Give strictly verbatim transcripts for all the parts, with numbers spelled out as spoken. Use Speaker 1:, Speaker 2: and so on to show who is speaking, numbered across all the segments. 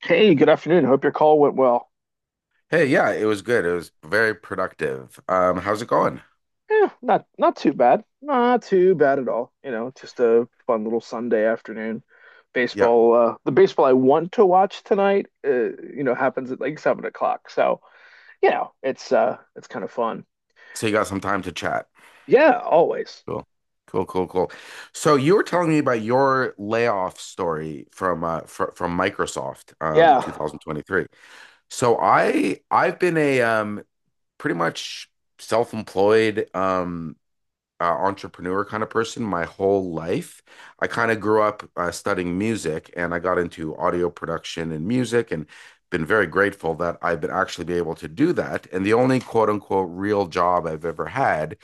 Speaker 1: Hey, good afternoon. Hope your call went well.
Speaker 2: Hey, yeah, it was good. It was very productive. Um, how's it going?
Speaker 1: Yeah, not not too bad. Not too bad at all. You know, just a fun little Sunday afternoon.
Speaker 2: Yeah.
Speaker 1: Baseball, uh, the baseball I want to watch tonight, uh, you know, happens at like seven o'clock. So, you know, it's uh it's kind of fun.
Speaker 2: So you got some time to chat.
Speaker 1: Yeah, always.
Speaker 2: Cool. Cool, cool, cool. So you were telling me about your layoff story from uh fr from Microsoft um
Speaker 1: Yeah.
Speaker 2: two thousand twenty-three. So I I've been a um pretty much self-employed um uh, entrepreneur kind of person my whole life. I kind of grew up uh, studying music and I got into audio production and music and been very grateful that I've been actually be able to do that. And the only quote unquote real job I've ever had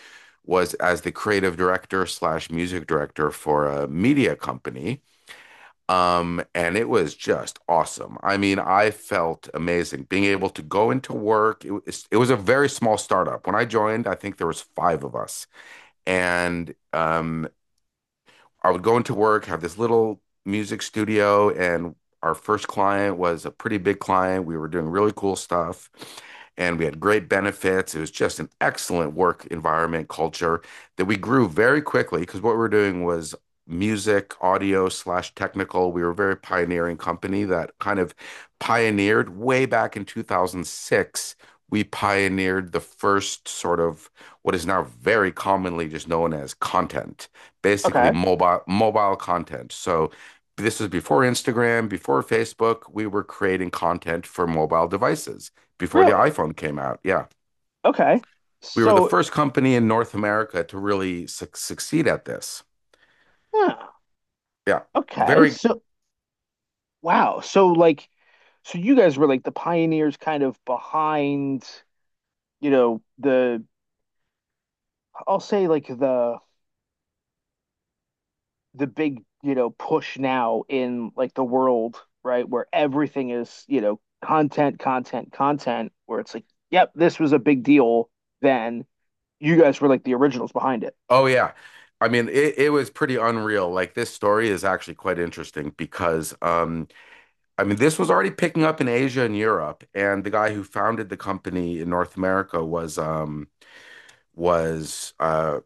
Speaker 2: was as the creative director slash music director for a media company. Um, and it was just awesome. I mean, I felt amazing being able to go into work. It was, it was a very small startup. When I joined, I think there was five of us and um, I would go into work, have this little music studio, and our first client was a pretty big client. We were doing really cool stuff, and we had great benefits. It was just an excellent work environment culture that we grew very quickly because what we were doing was music, audio slash technical. We were a very pioneering company that kind of pioneered way back in two thousand six. We pioneered the first sort of what is now very commonly just known as content basically
Speaker 1: Okay.
Speaker 2: mobile mobile content. So this was before Instagram, before Facebook. We were creating content for mobile devices before the
Speaker 1: Really?
Speaker 2: iPhone came out. Yeah.
Speaker 1: Okay.
Speaker 2: We were the
Speaker 1: So,
Speaker 2: first company in North America to really su- succeed at this.
Speaker 1: yeah.
Speaker 2: Yeah.
Speaker 1: Okay.
Speaker 2: Very,
Speaker 1: So, wow. So like so you guys were like the pioneers kind of behind, you know, the I'll say like the the big, you know, push now in like the world, right? Where everything is, you know, content, content, content, where it's like, yep, this was a big deal then. You guys were like the originals behind it.
Speaker 2: oh, yeah. I mean, it, it was pretty unreal. Like, this story is actually quite interesting because, um, I mean, this was already picking up in Asia and Europe. And the guy who founded the company in North America was, um, was uh,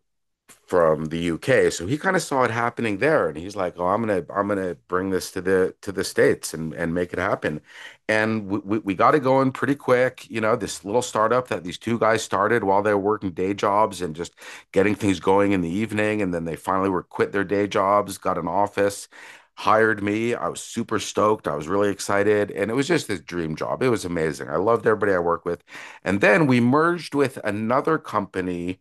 Speaker 2: from the U K. So he kind of saw it happening there and he's like, "Oh, I'm gonna I'm gonna bring this to the to the States and and make it happen." And we we, we got it going pretty quick, you know, this little startup that these two guys started while they were working day jobs and just getting things going in the evening and then they finally were quit their day jobs, got an office. Hired me. I was super stoked. I was really excited. And it was just this dream job. It was amazing. I loved everybody I worked with. And then we merged with another company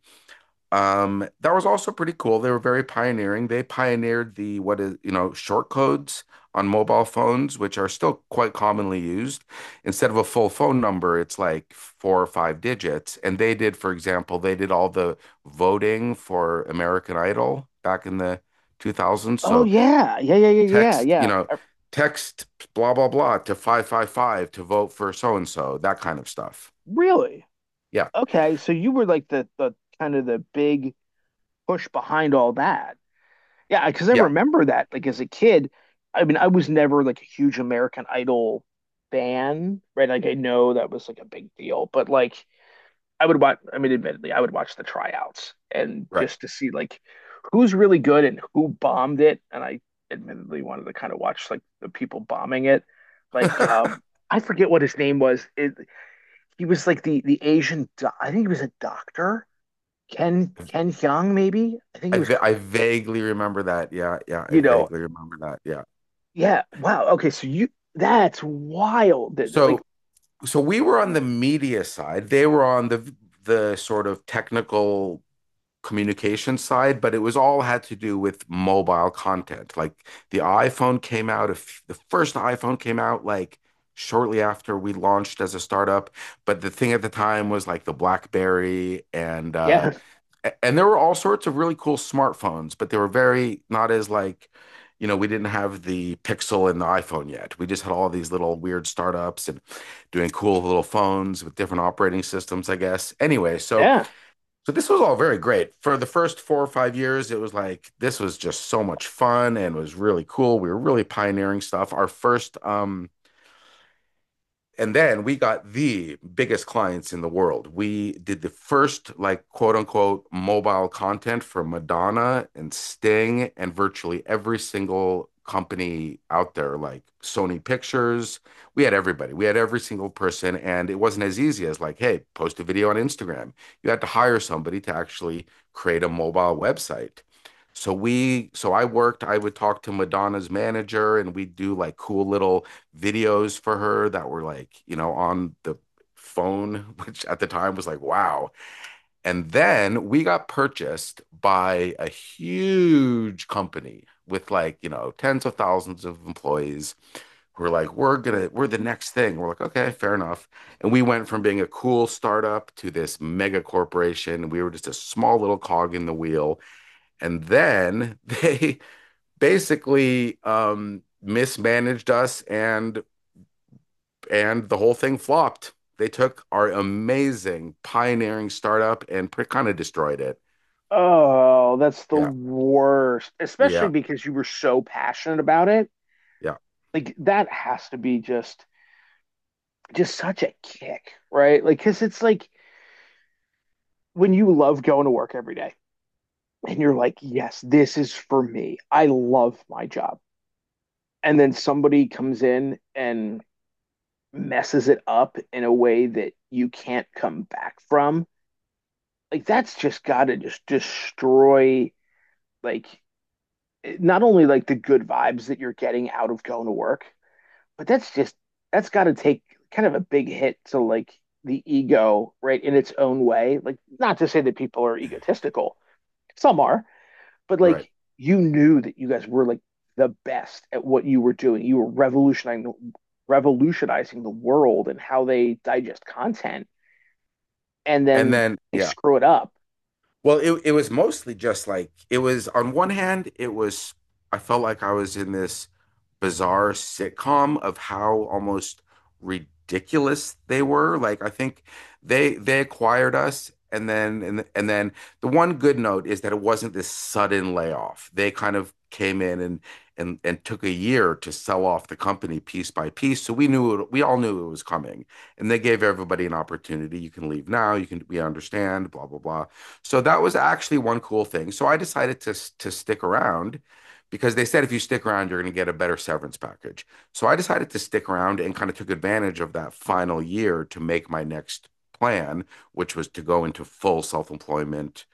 Speaker 2: um, that was also pretty cool. They were very pioneering. They pioneered the what is, you know, short codes on mobile phones, which are still quite commonly used. Instead of a full phone number, it's like four or five digits. And they did, for example, they did all the voting for American Idol back in the two thousands.
Speaker 1: Oh
Speaker 2: So
Speaker 1: yeah. Yeah, yeah, yeah, yeah,
Speaker 2: text, you
Speaker 1: yeah.
Speaker 2: know,
Speaker 1: Uh,
Speaker 2: text blah blah blah to five five five to vote for so and so, that kind of stuff.
Speaker 1: Really?
Speaker 2: Yeah.
Speaker 1: Okay, so you were like the the kind of the big push behind all that. Yeah, because I
Speaker 2: Yeah,
Speaker 1: remember that like as a kid, I mean, I was never like a huge American Idol fan, right? Like I know that was like a big deal, but like I would watch. I mean, admittedly, I would watch the tryouts and
Speaker 2: right.
Speaker 1: just to see like who's really good and who bombed it. And I admittedly wanted to kind of watch like the people bombing it. Like um, I forget what his name was. It, he was like the the Asian. Do- I think he was a doctor. Ken Ken Hyung maybe. I think
Speaker 2: I
Speaker 1: he was.
Speaker 2: va- I
Speaker 1: Korean.
Speaker 2: vaguely remember that. Yeah, yeah, I
Speaker 1: You know.
Speaker 2: vaguely remember that. Yeah.
Speaker 1: Yeah. Wow. Okay. So you that's wild. That- Like
Speaker 2: So so we were on the media side. They were on the the sort of technical communication side, but it was all had to do with mobile content. Like the iPhone came out, if the first iPhone came out like shortly after we launched as a startup, but the thing at the time was like the BlackBerry and uh
Speaker 1: yeah
Speaker 2: a- and there were all sorts of really cool smartphones, but they were very not as like, you know, we didn't have the Pixel and the iPhone yet. We just had all these little weird startups and doing cool little phones with different operating systems, I guess. Anyway, so
Speaker 1: yeah.
Speaker 2: so this was all very great. For the first four or five years, it was like this was just so much fun and was really cool. We were really pioneering stuff. Our first um And then we got the biggest clients in the world. We did the first, like, quote unquote, mobile content for Madonna and Sting and virtually every single company out there, like Sony Pictures. We had everybody, we had every single person. And it wasn't as easy as, like, hey, post a video on Instagram. You had to hire somebody to actually create a mobile website. So we, so I worked, I would talk to Madonna's manager and we'd do like cool little videos for her that were like, you know, on the phone, which at the time was like, wow. And then we got purchased by a huge company with like, you know, tens of thousands of employees who are like, we're gonna, we're the next thing. We're like, okay, fair enough. And we went from being a cool startup to this mega corporation. We were just a small little cog in the wheel. And then they basically um mismanaged us and and the whole thing flopped. They took our amazing pioneering startup and pretty kind of destroyed it.
Speaker 1: Oh, that's the
Speaker 2: Yeah,
Speaker 1: worst. Especially
Speaker 2: yeah,
Speaker 1: because you were so passionate about it
Speaker 2: yeah,
Speaker 1: like that has to be just just such a kick, right? Like cuz it's like when you love going to work every day and you're like, "Yes, this is for me. I love my job." And then somebody comes in and messes it up in a way that you can't come back from. Like that's just got to just destroy like not only like the good vibes that you're getting out of going to work, but that's just that's got to take kind of a big hit to like the ego, right, in its own way. Like, not to say that people are egotistical, some are, but
Speaker 2: right.
Speaker 1: like you knew that you guys were like the best at what you were doing. You were revolutionizing revolutionizing the world and how they digest content, and
Speaker 2: And
Speaker 1: then
Speaker 2: then
Speaker 1: they
Speaker 2: yeah,
Speaker 1: screw it up.
Speaker 2: well, it it was mostly just like it was on one hand, it was I felt like I was in this bizarre sitcom of how almost ridiculous they were. Like I think they they acquired us and then and, and then the one good note is that it wasn't this sudden layoff. They kind of came in and and and took a year to sell off the company piece by piece. So we knew it, we all knew it was coming. And they gave everybody an opportunity. You can leave now, you can we understand, blah blah blah. So that was actually one cool thing. So I decided to to stick around because they said if you stick around, you're going to get a better severance package. So I decided to stick around and kind of took advantage of that final year to make my next plan, which was to go into full self employment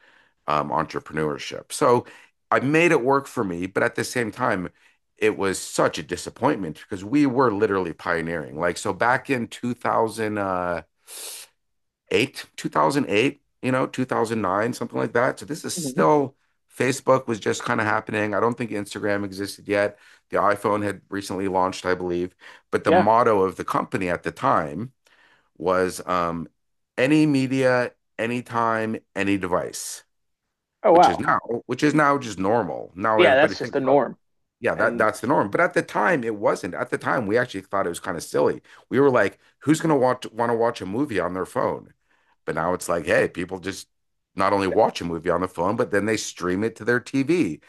Speaker 2: um, entrepreneurship. So I made it work for me, but at the same time, it was such a disappointment because we were literally pioneering. Like, so back in two thousand, uh, two thousand eight, you know, two thousand nine, something like that. So this is
Speaker 1: Mhm.
Speaker 2: still Facebook was just kind of happening. I don't think Instagram existed yet. The iPhone had recently launched, I believe. But the
Speaker 1: Yeah.
Speaker 2: motto of the company at the time was um, any media, anytime, any device,
Speaker 1: Oh
Speaker 2: which is
Speaker 1: wow.
Speaker 2: now, which is now just normal. Now
Speaker 1: Yeah,
Speaker 2: everybody
Speaker 1: that's just the
Speaker 2: thinks, oh,
Speaker 1: norm.
Speaker 2: yeah, that
Speaker 1: And
Speaker 2: that's the norm. But at the time, it wasn't. At the time, we actually thought it was kind of silly. We were like, who's gonna watch want want to watch a movie on their phone? But now it's like, hey, people just not only watch a movie on the phone, but then they stream it to their T V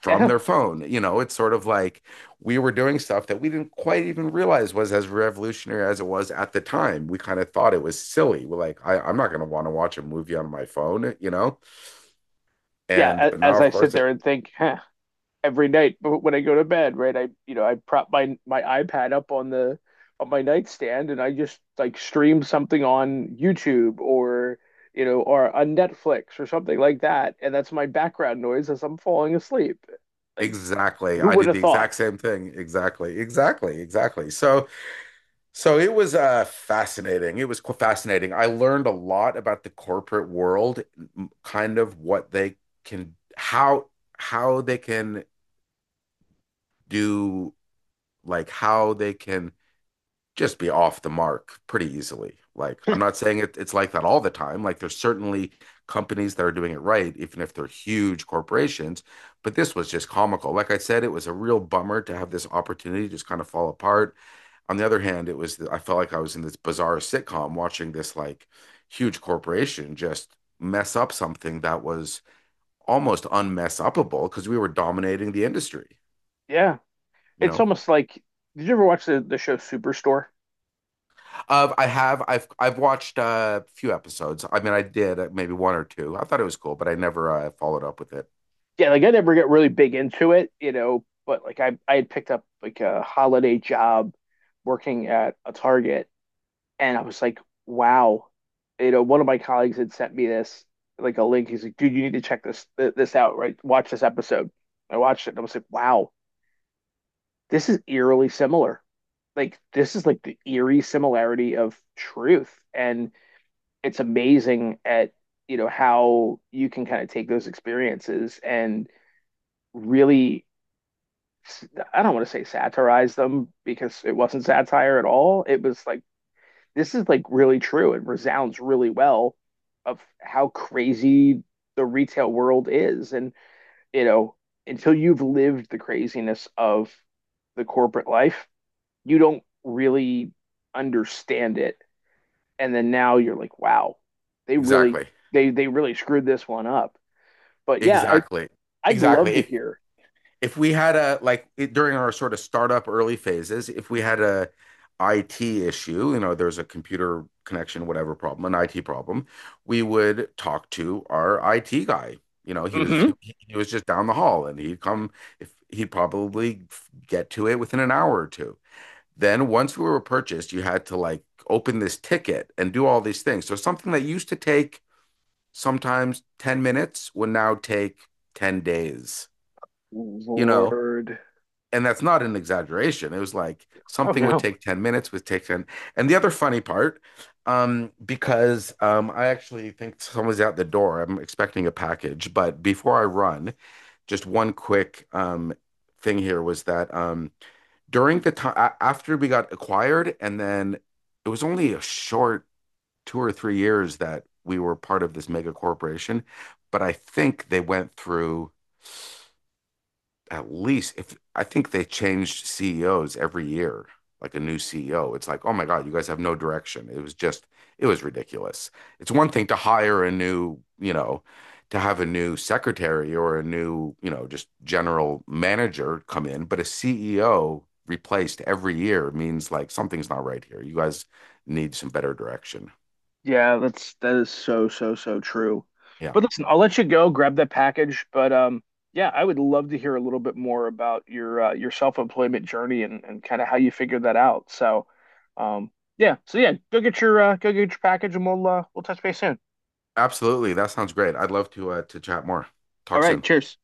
Speaker 2: from
Speaker 1: yeah,
Speaker 2: their phone. You know, it's sort of like we were doing stuff that we didn't quite even realize was as revolutionary as it was at the time. We kind of thought it was silly. We're like, I, I'm not gonna want to watch a movie on my phone, you know? And
Speaker 1: yeah.
Speaker 2: but now,
Speaker 1: As
Speaker 2: of
Speaker 1: I sit
Speaker 2: course, it's
Speaker 1: there and think, huh, every night when I go to bed, right? I you know I prop my my iPad up on the on my nightstand and I just like stream something on YouTube or you know or on Netflix or something like that, and that's my background noise as I'm falling asleep. Like,
Speaker 2: exactly.
Speaker 1: who
Speaker 2: I
Speaker 1: would
Speaker 2: did the
Speaker 1: have thought?
Speaker 2: exact same thing. Exactly. Exactly. Exactly. So, so it was uh fascinating. It was qu- fascinating. I learned a lot about the corporate world, m- kind of what they can, how how they can do, like how they can just be off the mark pretty easily. Like, I'm not saying it, it's like that all the time. Like, there's certainly companies that are doing it right, even if they're huge corporations. But this was just comical. Like I said, it was a real bummer to have this opportunity just kind of fall apart. On the other hand, it was, I felt like I was in this bizarre sitcom watching this like huge corporation just mess up something that was almost unmess upable because we were dominating the industry,
Speaker 1: Yeah,
Speaker 2: you
Speaker 1: it's
Speaker 2: know?
Speaker 1: almost like did you ever watch the the show Superstore?
Speaker 2: Of I have I've I've watched uh, a few episodes. I mean, I did uh, maybe one or two. I thought it was cool, but I never uh, followed up with it.
Speaker 1: Yeah, like I never get really big into it, you know, but like I I had picked up like a holiday job working at a Target. And I was like, wow. You know, one of my colleagues had sent me this, like a link. He's like, dude, you need to check this th- this out, right? Watch this episode. I watched it and I was like, wow, this is eerily similar. Like this is like the eerie similarity of truth. And it's amazing at, you know, how you can kind of take those experiences and really I don't want to say satirize them because it wasn't satire at all. It was like this is like really true and resounds really well of how crazy the retail world is. And, you know, until you've lived the craziness of the corporate life, you don't really understand it. And then now you're like, wow, they really
Speaker 2: Exactly.
Speaker 1: they they really screwed this one up. But yeah, I,
Speaker 2: Exactly.
Speaker 1: I'd love
Speaker 2: Exactly.
Speaker 1: to
Speaker 2: If
Speaker 1: hear.
Speaker 2: if we had a like it- during our sort of startup early phases, if we had a I T issue, you know, there's a computer connection, whatever problem, an I T problem, we would talk to our I T guy. You know, he was
Speaker 1: Hmm.
Speaker 2: he, he was just down the hall, and he'd come if he'd probably get to it within an hour or two. Then once we were purchased, you had to like open this ticket and do all these things. So something that used to take sometimes ten minutes would now take ten days, you know?
Speaker 1: Lord.
Speaker 2: And that's not an exaggeration. It was like
Speaker 1: Oh
Speaker 2: something would
Speaker 1: no.
Speaker 2: take ten minutes, would take ten. And the other funny part, um, because um, I actually think someone's out the door. I'm expecting a package, but before I run, just one quick um, thing here was that um, during the time after we got acquired, and then it was only a short two or three years that we were part of this mega corporation. But I think they went through at least if I think they changed C E Os every year, like a new C E O. It's like, oh my God, you guys have no direction. It was just, it was ridiculous. It's one thing to hire a new, you know, to have a new secretary or a new, you know, just general manager come in, but a C E O replaced every year means like something's not right here. You guys need some better direction.
Speaker 1: Yeah, that's that is so so so true.
Speaker 2: Yeah,
Speaker 1: But listen, I'll let you go grab that package. But um, yeah, I would love to hear a little bit more about your uh, your self-employment journey and and kind of how you figured that out. So, um, yeah, so yeah, go get your uh, go get your package, and we'll uh, we'll touch base soon.
Speaker 2: absolutely. That sounds great. I'd love to uh, to chat more.
Speaker 1: All
Speaker 2: Talk
Speaker 1: right,
Speaker 2: soon.
Speaker 1: cheers.